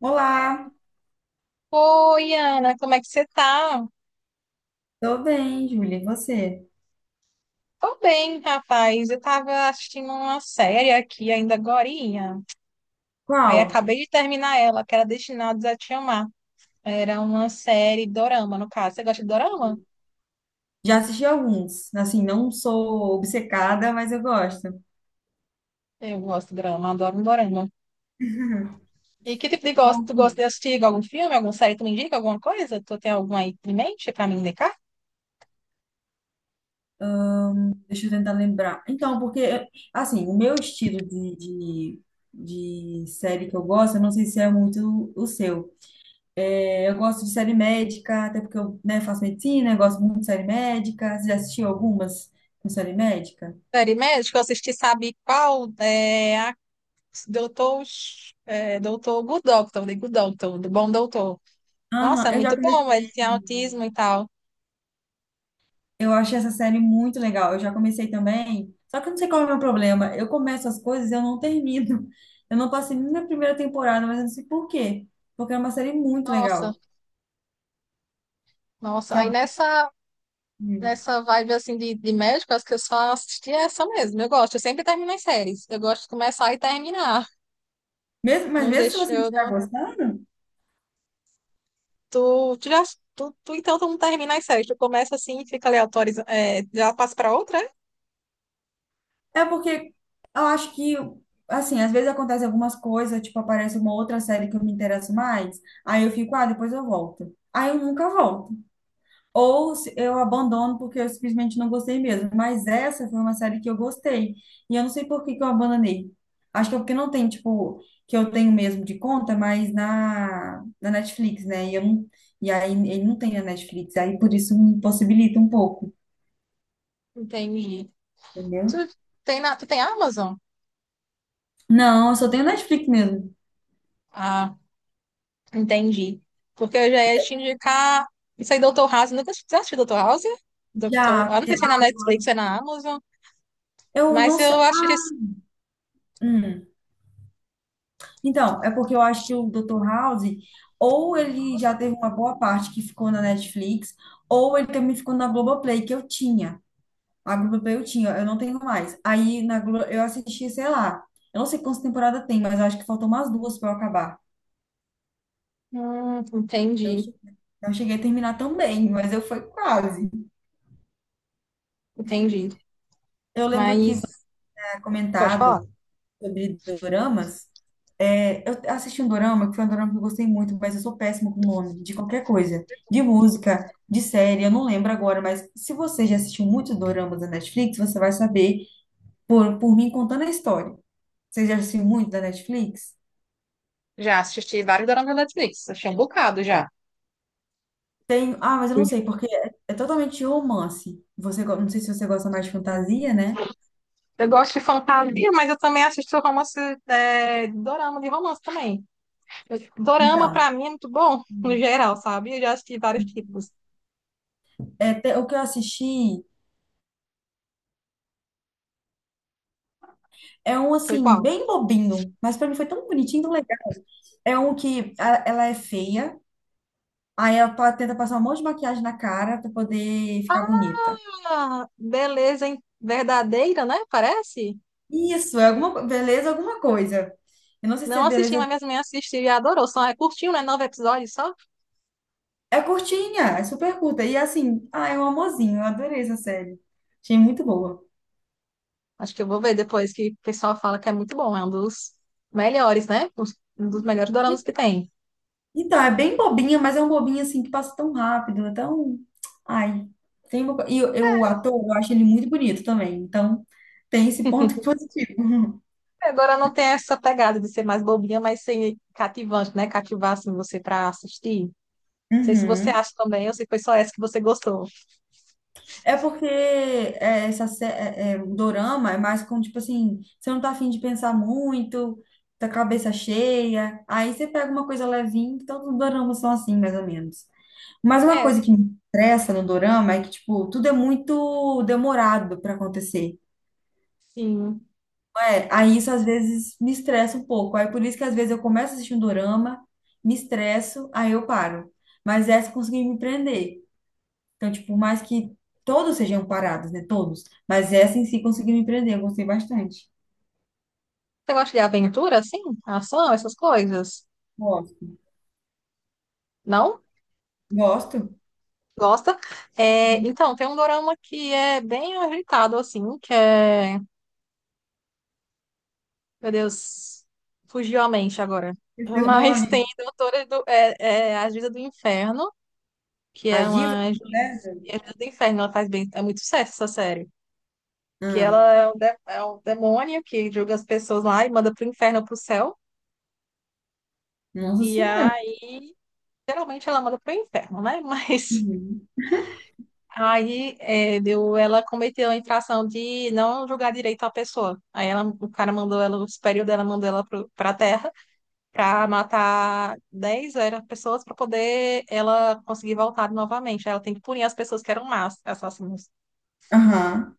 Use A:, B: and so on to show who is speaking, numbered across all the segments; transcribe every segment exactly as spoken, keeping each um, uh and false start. A: Olá,
B: Oi, Ana, como é que você tá?
A: tô bem, Júlia. E você?
B: Tô bem, rapaz. Eu tava assistindo uma série aqui ainda agorinha. Aí
A: Qual?
B: acabei de terminar ela, que era Destinados a Te Amar. Era uma série dorama, no caso. Você gosta de dorama?
A: Já assisti alguns. Assim, não sou obcecada, mas eu gosto.
B: Eu gosto de dorama, adoro um dorama. E que tipo de gosto?
A: Qual
B: Tu
A: que-
B: gosta
A: é?
B: de assistir algum filme, alguma série? Tu me indica alguma coisa? Tu tem alguma aí em mente pra me indicar?
A: Deixa eu tentar lembrar. Então, porque, assim, o meu estilo de, de, de série que eu gosto, eu não sei se é muito o seu. É, Eu gosto de série médica, até porque eu, né, faço medicina, eu gosto muito de série médica. Você já assistiu algumas com série médica?
B: Série médica, que eu assisti, sabe qual? É a Doutor, é, Doutor Good Doctor, The Good Doctor, do Bom Doutor. Nossa,
A: Aham,
B: é
A: eu já
B: muito bom,
A: comecei.
B: ele tem autismo e tal.
A: Eu achei essa série muito legal. Eu já comecei também, só que eu não sei qual é o meu problema. Eu começo as coisas e eu não termino. Eu não passei nem na primeira temporada, mas eu não sei por quê. Porque é uma série muito
B: Nossa,
A: legal.
B: nossa.
A: Que
B: Aí
A: a-
B: nessa, nessa vibe assim de, de médico, acho que eu só assisti essa mesmo. Eu gosto, eu sempre termino as séries. Eu gosto de começar e terminar.
A: mesmo, mas
B: Não
A: mesmo se
B: deixo
A: você não
B: eu
A: estiver
B: não.
A: gostando,
B: Tu, tu já. Tu, tu então tu não termina as séries. Tu começa assim e fica ali autorizando. É, já passa pra outra, é?
A: é porque eu acho que, assim, às vezes acontece algumas coisas, tipo, aparece uma outra série que eu me interesso mais, aí eu fico, ah, depois eu volto. Aí eu nunca volto. Ou se- eu abandono porque eu simplesmente não gostei mesmo. Mas essa foi uma série que eu gostei. E eu não sei por que que eu abandonei. Acho que é porque não tem, tipo, que eu tenho mesmo de conta, mas na, na Netflix, né? E, eu não, e aí ele não tem a Netflix. Aí por isso me possibilita um pouco,
B: Entendi. Tu
A: entendeu?
B: tem, na, tu tem Amazon?
A: Não, eu só tenho Netflix mesmo.
B: Ah, entendi. Porque eu já ia te indicar. Isso aí, doutor House. Nunca já assistiu doutor House? doutor
A: Já,
B: Ah, não sei
A: porque
B: se é na Netflix, é na Amazon.
A: eu
B: Mas
A: não sei.
B: eu acho que.
A: Hum. Então, é porque eu acho que o doutor House, ou ele já teve uma boa parte que ficou na Netflix, ou ele também ficou na Globoplay, que eu tinha. A Globoplay eu tinha, eu não tenho mais. Aí na Glo eu assisti, sei lá, eu não sei quantas temporadas tem, mas eu acho que faltam umas duas para eu acabar.
B: Hum,
A: Não
B: entendi,
A: che- não cheguei a terminar também, mas eu fui quase.
B: entendi.
A: Eu lembro que você
B: Mas
A: tinha
B: Pode falar.
A: comentado sobre doramas. É, eu assisti um dorama, que foi um dorama que eu gostei muito, mas eu sou péssima com o nome de qualquer coisa. De música, de série, eu não lembro agora, mas se você já assistiu muitos doramas da Netflix, você vai saber por, por mim contando a história. Você já assistiu muito da Netflix?
B: Já assisti vários doramas da Netflix, achei um bocado já.
A: Tem, ah, mas eu não sei, porque é, é totalmente romance. Você, go- não sei se você gosta mais de fantasia, né?
B: Eu gosto de fantasia, mas eu também assisto romance, é, dorama de romance também. Eu- Dorama,
A: Então,
B: pra mim, é muito bom, no
A: hum,
B: geral, sabe? Eu já assisti vários tipos.
A: é, te- o que eu assisti é um,
B: Foi
A: assim,
B: qual?
A: bem bobinho, mas pra mim foi tão bonitinho, tão legal. É um que a- ela é feia. Aí ela pa- tenta passar um monte de maquiagem na cara pra poder ficar bonita.
B: Ah, beleza hein? Verdadeira, né? Parece?
A: Isso, é alguma co- beleza, alguma coisa. Eu não sei se
B: Não
A: é
B: assisti, mas
A: beleza.
B: minhas mães assistiram e adorou. Só é curtinho, né? Nove episódios só.
A: É curtinha, é super curta. E assim, ah, é um amorzinho. Eu adorei essa série. Achei muito boa.
B: Acho que eu vou ver depois que o pessoal fala que é muito bom, é um dos melhores, né? Os- Um dos melhores doramas que tem.
A: Então, é bem bobinha, mas é um bobinho assim que passa tão rápido, é tão. Ai, tem uma... co- E o e o ator, eu acho ele muito bonito também. Então, tem esse ponto positivo.
B: É, Agora não tem essa pegada de ser mais bobinha, mas ser cativante, né? Cativar assim, você pra assistir. Não sei se você
A: Uhum.
B: acha também, ou se foi só essa que você gostou.
A: É porque é, essa sé- é, é, o dorama é mais com, tipo assim, você não tá afim de pensar muito, tá com a cabeça cheia, aí você pega uma coisa levinha, que todos os doramas são assim, mais ou menos. Mas uma
B: É,
A: coisa que me estressa no dorama é que, tipo, tudo é muito demorado pra acontecer.
B: sim.
A: É, aí isso às vezes me estressa um pouco. Aí por isso que às vezes eu começo a assistir um dorama, me estresso, aí eu paro. Mas essa eu consegui me prender. Então, tipo, por mais que todos sejam parados, né? Todos. Mas essa em si conseguiu me prender, eu gostei bastante.
B: Você gosta de aventura, assim? Ação, essas coisas?
A: Gosto.
B: Não?
A: Gosto.
B: Gosta? É, então, tem um dorama que é bem agitado, assim, que é Meu Deus, fugiu a mente agora.
A: Esse é o
B: Mas tem
A: nome.
B: Doutora do, é, é a Juíza do Inferno, que é
A: As divas
B: uma
A: do
B: juiz.
A: inferno?
B: E A Juíza do Inferno, ela faz bem. É muito sucesso essa série. Que
A: Ah,
B: ela é um, de- É um demônio que julga as pessoas lá e manda pro inferno ou pro céu.
A: nossa
B: E
A: senhora.
B: aí, geralmente ela manda pro inferno, né? Mas
A: Uhum.
B: aí é, deu, ela cometeu a infração de não julgar direito a pessoa. Aí ela, o cara mandou ela, o superior dela mandou ela pro, pra terra. Para matar dez era, pessoas para poder ela conseguir voltar novamente. Aí ela tem que punir as pessoas que eram más assassinos.
A: Aham.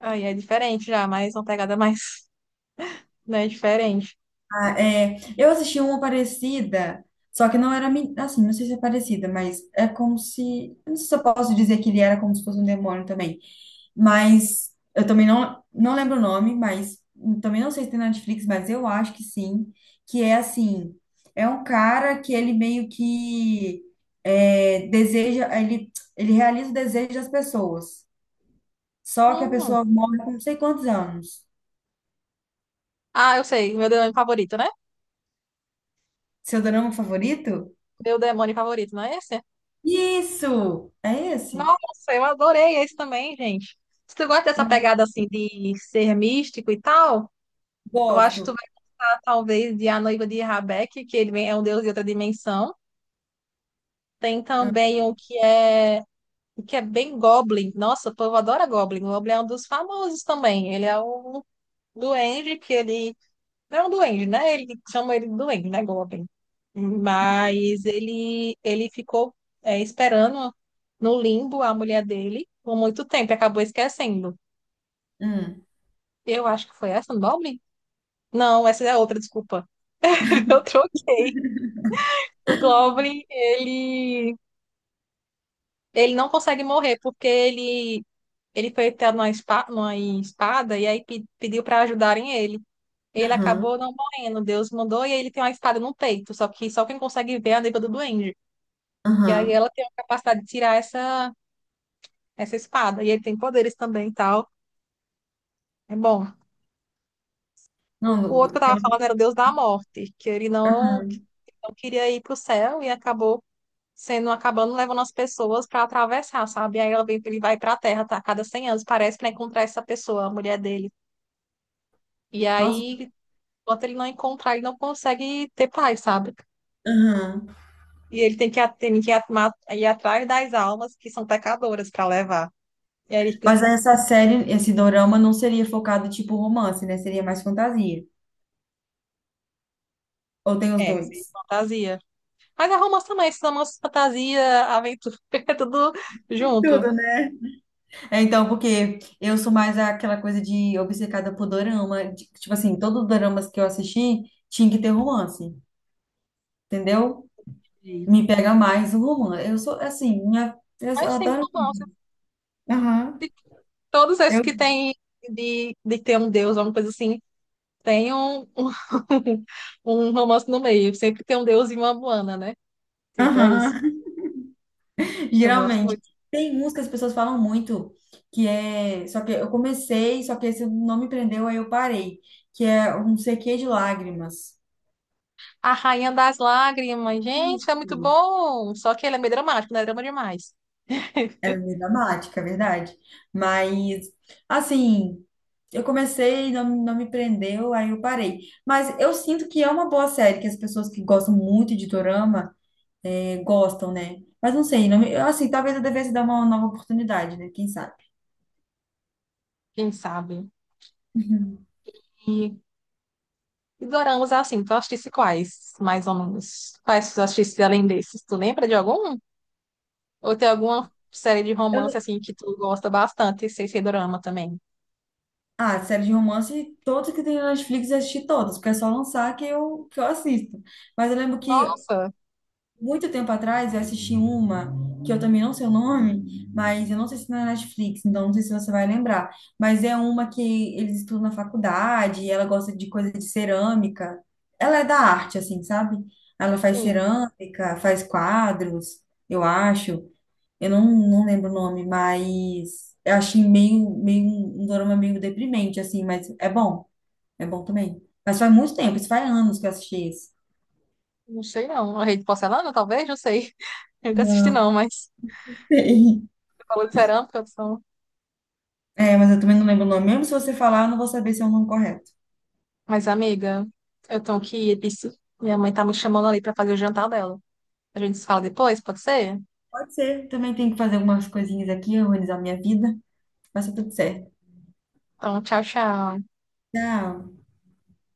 B: Aí é diferente já, mas uma pegada mais, né, diferente.
A: Ah, é, eu assisti uma parecida, só que não era, mi- assim, não sei se é parecida, mas é como se, eu não sei se eu posso dizer que ele era como se fosse um demônio também. Mas eu também não, não lembro o nome, mas também não sei se tem na Netflix, mas eu acho que sim. Que é assim: é um cara que ele meio que é, deseja, ele, ele realiza o desejo das pessoas. Só que a
B: Hum.
A: pessoa morre com não sei quantos anos.
B: Ah, eu sei, meu demônio favorito, né?
A: Seu drama favorito?
B: Meu demônio favorito, não é esse?
A: Isso! É esse?
B: Nossa, eu adorei esse também, gente. Se tu gosta dessa
A: Eu
B: pegada assim de ser místico e tal, eu acho que tu
A: gosto.
B: vai estar talvez de A Noiva de Rabeck, que ele vem- é um deus de outra dimensão. Tem
A: Ah,
B: também o que é o que é bem Goblin. Nossa, o povo adora Goblin. O Goblin é um dos famosos também. Ele é um duende que ele. Não é um duende, né? Ele chama ele de duende, né? Goblin. Mas ele, ele ficou é, esperando no limbo a mulher dele por muito tempo e acabou esquecendo.
A: hum.
B: Eu acho que foi essa, do Goblin? Não, essa é outra, desculpa. Eu troquei. O Goblin, ele. Ele não consegue morrer porque ele ele foi pego numa espa- numa espada e aí pe- pediu para ajudarem ele. Ele
A: Aham,
B: acabou não morrendo, Deus mandou e aí ele tem uma espada no peito, só que só quem consegue ver é a noiva do duende. E aí
A: aham.
B: ela tem a capacidade de tirar essa, essa espada. E ele tem poderes também e tal. É bom. O o
A: Não,
B: outro que eu tava
A: pelo
B: falando era o
A: que.
B: Deus da Morte, que ele não, que
A: Aham.
B: não queria ir pro céu e acabou sendo, acabando levando as pessoas para atravessar, sabe? E aí ela vem, ele vai pra Terra, tá? A cada cem anos, parece, para encontrar essa pessoa, a mulher dele. E
A: Nossa,
B: aí enquanto ele não encontrar, ele não consegue ter paz, sabe?
A: aham.
B: E ele tem que, a- tem que atma- ir atrás das almas que são pecadoras para levar. E aí ele fica, assim,
A: Mas essa série, esse dorama não seria focado tipo romance, né? Seria mais fantasia. Ou tem os
B: é, se
A: dois?
B: fantasia. Mas é romance também, esses romances, fantasia, aventura, é tudo junto.
A: Tudo, né? É, então, porque eu sou mais aquela coisa de obcecada por dorama. de- Tipo assim, todos os doramas que eu assisti tinha que ter romance, entendeu?
B: Sim.
A: Me pega mais o romance. Eu sou, assim, minha, eu só
B: Mas tem
A: adoro.
B: romance.
A: Aham.
B: Todos esses que
A: eu-
B: tem de, de ter um deus, alguma coisa assim, tem um, um, um romance no meio. Sempre tem um deus e uma Moana, né? Sempre é isso.
A: Aham.
B: Eu gosto
A: Geralmente.
B: muito.
A: Tem uns que as pessoas falam muito, que é. Só que eu comecei, só que esse não me prendeu, aí eu parei. Que é um C Q de lágrimas.
B: A Rainha das Lágrimas. Gente, é muito
A: Isso.
B: bom. Só que ele é meio dramático, não é drama demais.
A: É meio dramática, é verdade. Mas, assim, eu comecei, não, não me prendeu, aí eu parei. Mas eu sinto que é uma boa série, que as pessoas que gostam muito de dorama eh, gostam, né? Mas não sei, não me- assim, talvez eu devesse dar uma nova oportunidade, né? Quem sabe?
B: Quem sabe? E, e doramas assim, tu assistisse quais, mais ou menos? Quais tu assistisse além desses? Tu lembra de algum? Ou tem alguma série de romance assim que tu gosta bastante, sem ser dorama também?
A: Ah, série de romance, todos que tem na Netflix eu assisti todas, porque é só lançar que eu, que eu assisto. Mas eu lembro que
B: Nossa,
A: muito tempo atrás eu assisti uma, que eu também não sei o nome, mas eu não sei se é na Netflix, então não sei se você vai lembrar. Mas é uma que eles estudam na faculdade, e ela gosta de coisa de cerâmica. Ela é da arte, assim, sabe? Ela faz
B: sim.
A: cerâmica, faz quadros, eu acho. Eu não, não lembro o nome, mas eu achei meio, meio um um dorama meio deprimente, assim, mas é bom, é bom também. Mas faz muito tempo, isso faz anos que eu assisti esse.
B: Não sei não. A Rede de Porcelana, talvez? Não sei. Eu nunca assisti
A: Não.
B: não, mas...
A: Sim.
B: Tu falou de cerâmica, são...
A: É, mas eu também não lembro o nome. Mesmo se você falar, eu não vou saber se é o nome correto.
B: Mas, amiga, eu tenho que ir. Isso. Minha mãe tá me chamando ali pra fazer o jantar dela. A gente se fala depois, pode ser?
A: Pode ser. Também tenho que fazer algumas coisinhas aqui, organizar minha vida. Vai ser tudo certo.
B: Então, tchau, tchau.
A: Tchau.